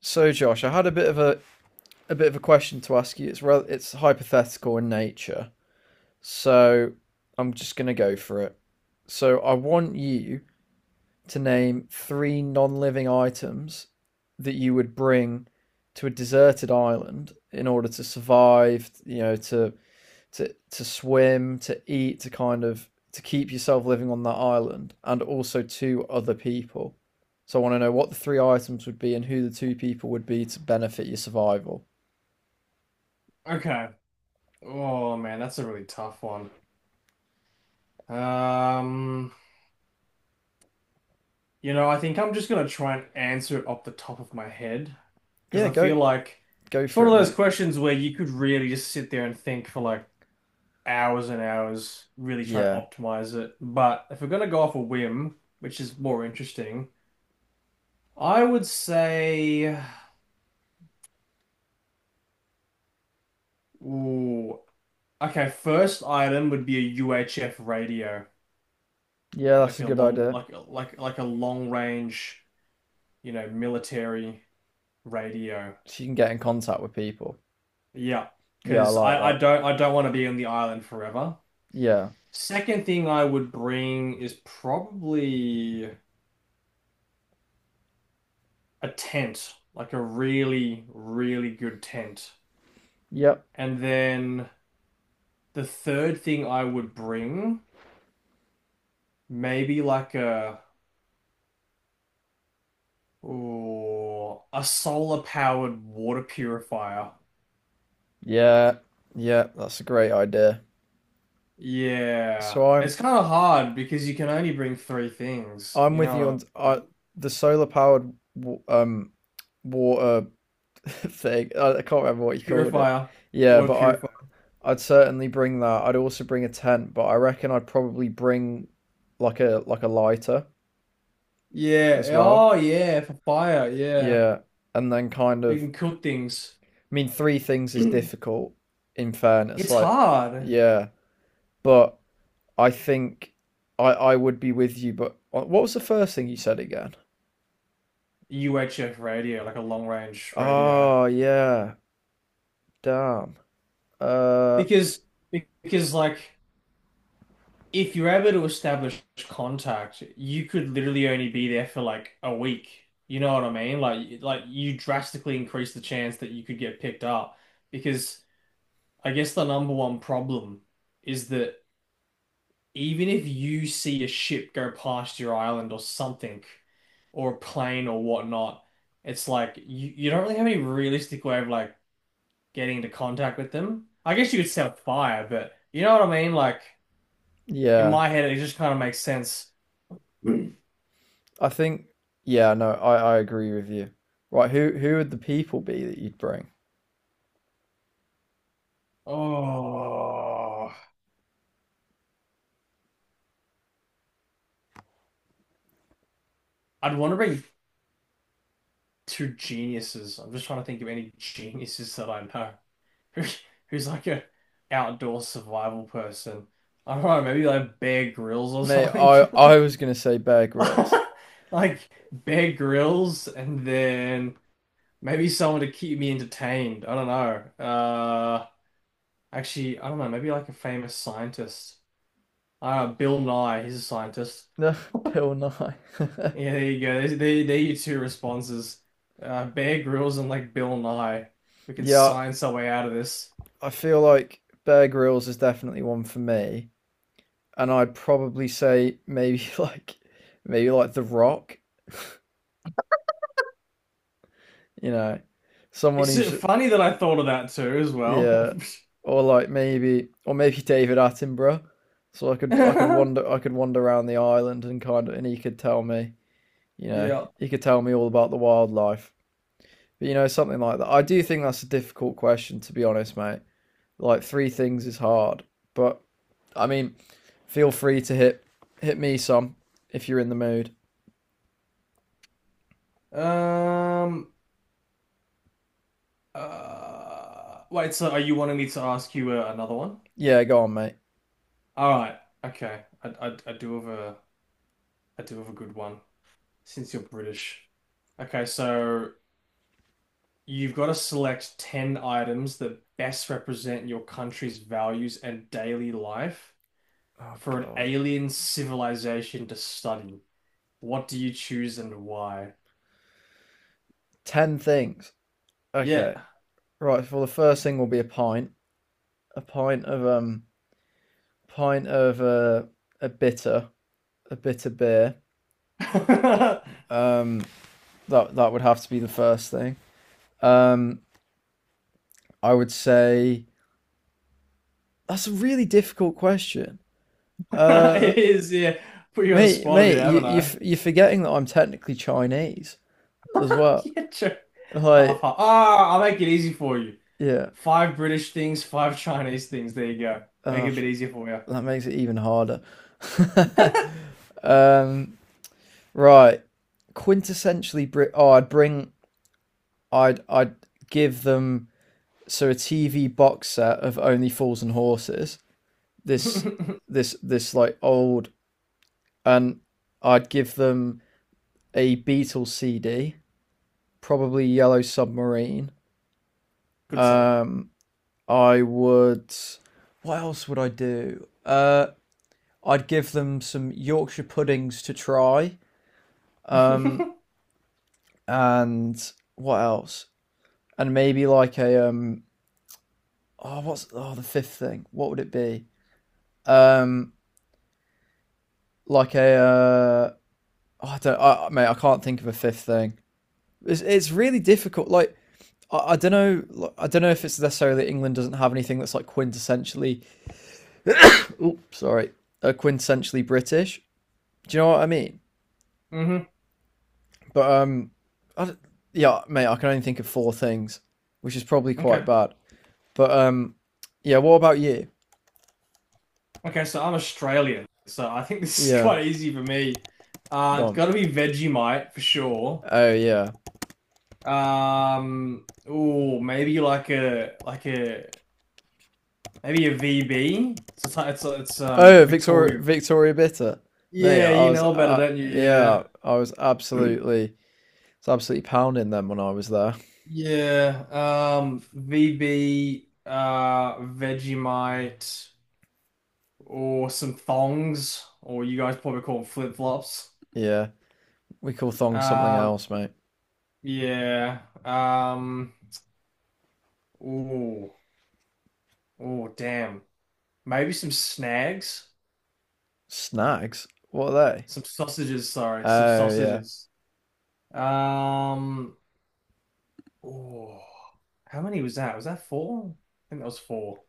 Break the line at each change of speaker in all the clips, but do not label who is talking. So, Josh, I had a bit of a question to ask you. It's hypothetical in nature, so I'm just gonna go for it. So, I want you to name three non-living items that you would bring to a deserted island in order to survive. You know, to swim, to eat, to kind of to keep yourself living on that island, and also two other people. So, I want to know what the three items would be and who the two people would be to benefit your survival.
Okay. Oh man, that's a really tough one. Um, I think I'm just gonna try and answer it off the top of my head because
Yeah,
I
go
feel like
go
it's
for
one of
it, mate.
those questions where you could really just sit there and think for like hours and hours, really try and
Yeah.
optimize it. But if we're gonna go off a whim, which is more interesting, I would say, ooh, okay, first item would be a UHF radio,
Yeah, that's
like
a
a
good
long,
idea.
like a long range, you know, military radio.
She can get in contact with people.
Yeah,
Yeah, I
because
like
I
that.
don't want to be on the island forever.
Yeah.
Second thing I would bring is probably a tent, like a really, really good tent.
Yep.
And then the third thing I would bring, maybe a solar powered water purifier.
Yeah. Yeah, that's a great idea.
Yeah,
So I'm
it's kind of hard because you can only bring three things,
I'm
you
with you on
know what I
I
mean?
the solar powered um water thing. I can't remember what you called it.
Purifier.
Yeah,
Water
but
purifier.
I'd certainly bring that. I'd also bring a tent, but I reckon I'd probably bring like a lighter as
Yeah.
well.
Oh, yeah. For fire. Yeah.
Yeah, and then
They can cook things.
I mean, three things is difficult. In fairness,
It's
like
hard.
yeah, but I think I would be with you. But what was the first thing you said again?
UHF radio, like a long range radio.
Oh yeah, damn. Uh,
Because, because like, if you're able to establish contact, you could literally only be there for like a week. You know what I mean? Like you drastically increase the chance that you could get picked up. Because I guess the number one problem is that even if you see a ship go past your island or something, or a plane or whatnot, it's like you don't really have any realistic way of like getting into contact with them. I guess you could set fire, but you know what I mean? Like in
yeah.
my head, it just kind of makes sense. Mm.
I think yeah. No, I agree with you. Right, who would the people be that you'd bring?
Oh, I'd want to bring two geniuses. I'm just trying to think of any geniuses that I know who, who's like a outdoor survival person. I don't know, maybe like Bear grills or
Mate,
something.
I was gonna say Bear Grylls.
Like Bear grills, and then maybe someone to keep me entertained. I don't know. Actually, I don't know. Maybe like a famous scientist. Bill Nye, he's a scientist.
No, Bill Nye.
Yeah, there you go. There are your two responses. Bear grills and like Bill Nye. We can
Yeah,
science our way out of this.
I feel like Bear Grylls is definitely one for me. And I'd probably say maybe like maybe like The Rock, you know, someone
It's
who's
funny that I thought of that too as well.
yeah, or maybe David Attenborough. So I could wander around the island and kind of and he could tell me, you know,
Yeah.
he could tell me all about the wildlife. But you know, something like that. I do think that's a difficult question to be honest, mate. Like three things is hard, but I mean, feel free to hit me some if you're in the mood.
Um. Wait. So, are you wanting me to ask you another one?
Yeah, go on, mate.
All right. Okay. I do have a I do have a good one since you're British. Okay, so you've got to select 10 items that best represent your country's values and daily life
Oh
for an
God.
alien civilization to study. What do you choose and why?
Ten things.
Yeah.
Okay. Right. Well, the first thing will be a pint. A pint of pint of uh, a bitter, a bitter beer. Um, that that would have to be the first thing. Um, I would say that's a really difficult question. Uh,
It is, yeah. Put you on the
mate,
spot a bit,
mate, you
haven't
you
I?
you're forgetting that I'm technically Chinese as well.
Yeah, sure. Half,
Like,
half. Ah, I'll make it easy for you.
yeah.
Five British things, five Chinese things. There you go. Make it a
Oh,
bit easier for you.
that makes it even harder. um, right. Quintessentially Brit. Oh, I'd bring I'd give them a TV box set of Only Fools and Horses. This this like old and I'd give them a Beatles CD, probably Yellow Submarine.
Good song.
Um, I would. What else would I do? I'd give them some Yorkshire puddings to try. Um, and what else? And maybe like a. Oh, what's oh the fifth thing? What would it be? Um, like a oh, I don't I, mate. I can't think of a fifth thing. It's really difficult. Like I don't know. Like, I don't know if it's necessarily that England doesn't have anything that's like quintessentially. Oops, sorry, quintessentially British. Do you know what I mean?
Hmm.
But I, yeah, mate. I can only think of four things, which is probably quite
Okay.
bad. But yeah. What about you?
Okay, so I'm Australian, so I think this is
Yeah,
quite easy for me.
go
It's
on.
got to be Vegemite for sure.
Oh yeah.
Oh, maybe like a maybe a VB. It's a, ty- it's a- it's
Oh Victoria
Victoria.
Bitter. Mate,
Yeah,
I
you
was
know about it, don't you? Yeah.
yeah, I was absolutely It's absolutely pounding them when I was there.
Yeah, VB, Vegemite, or some thongs, or you guys probably call them flip-flops.
Yeah, we call thongs something
Um,
else, mate.
yeah. Um, ooh, damn. Maybe some snags,
Snags? What are they?
some sausages. Sorry, some
Oh yeah.
sausages. Um, oh, how many was that? Was that four? I think that was four.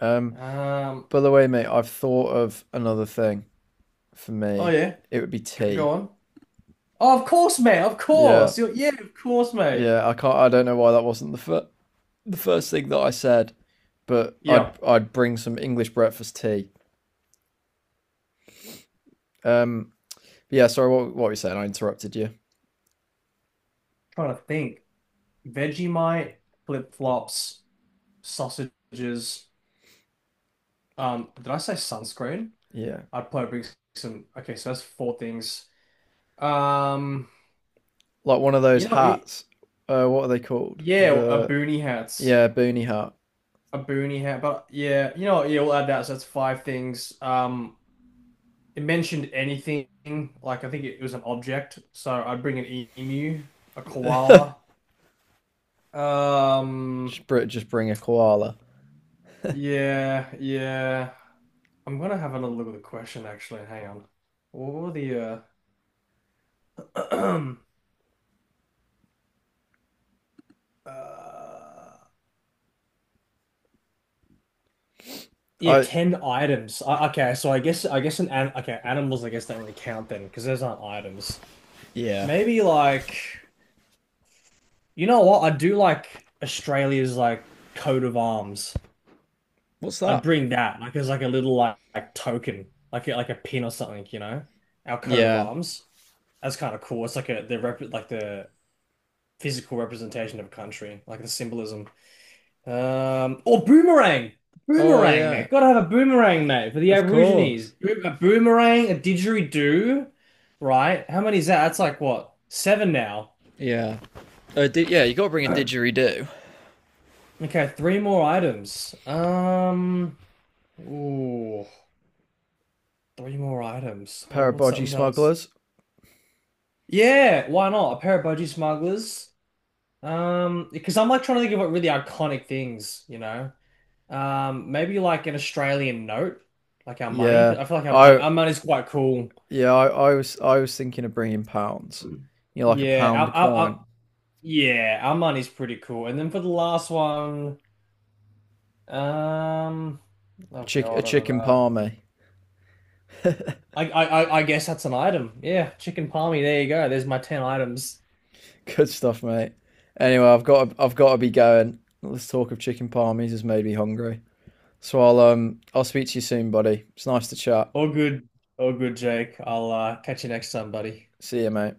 Um,
Um,
by the way, mate, I've thought of another thing for
oh
me.
yeah,
It would be
go
tea.
on. Oh, of course, mate. Of
Yeah,
course. Yeah, of course, mate.
yeah. I can't. I don't know why that wasn't the first thing that I said, but I'd
Yep.
I'd bring some English breakfast tea. Um, yeah. Sorry, what were you saying? I interrupted you.
Trying to think. Vegemite, flip-flops, sausages. Did I say sunscreen?
Yeah,
I'd probably bring some. Okay, so that's four things. Um,
like one of those
you know,
hats. What are they called?
yeah, a
The
boonie hats,
yeah, boonie hat.
a boonie hat, but yeah, you know, yeah, we'll add that. So that's five things. It mentioned anything like I think it was an object, so I'd bring an emu, a koala. Um,
Just bring a koala.
yeah, yeah. I'm gonna have another look at the question actually. Hang on. What were the uh Uh, yeah,
I
10 items. Okay, so I guess an okay, animals I guess don't really count then because those aren't items.
yeah.
Maybe like you know what? I do like Australia's like coat of arms.
What's
I'd
that?
bring that like as like a like token, like a pin or something, you know? Our coat of
Yeah.
arms. That's kind of cool. It's like a the rep like the physical representation of a country, like the symbolism. Um, or boomerang,
Oh
boomerang,
yeah.
mate. Gotta have a boomerang, mate, for the
Of
Aborigines.
course.
Bo a boomerang, a didgeridoo, right? How many is that? That's like what? Seven now.
Yeah. Yeah. You got to bring a didgeridoo.
Okay, three more items. Ooh, three more items. Well,
Pair of
what's
bodgy
something else?
smugglers.
Yeah, why not? A pair of budgie smugglers. Because I'm like trying to think of what really iconic things, you know. Maybe like an Australian note, like our money.
Yeah.
'Cause I feel like
I
our money's quite cool.
yeah. I was thinking of bringing pounds. You know, like a
Yeah,
pound coin.
our money's pretty cool. And then for the last one, um,
A
oh
chick a
God, I don't
chicken
know.
palmy.
I guess that's an item. Yeah, chicken palmy. There you go. There's my ten items.
Good stuff, mate. Anyway, I've got to be going. Let's talk of chicken palmies has made me hungry. So I'll speak to you soon, buddy. It's nice to chat.
All good, all good, Jake. I'll catch you next time, buddy.
See you, mate.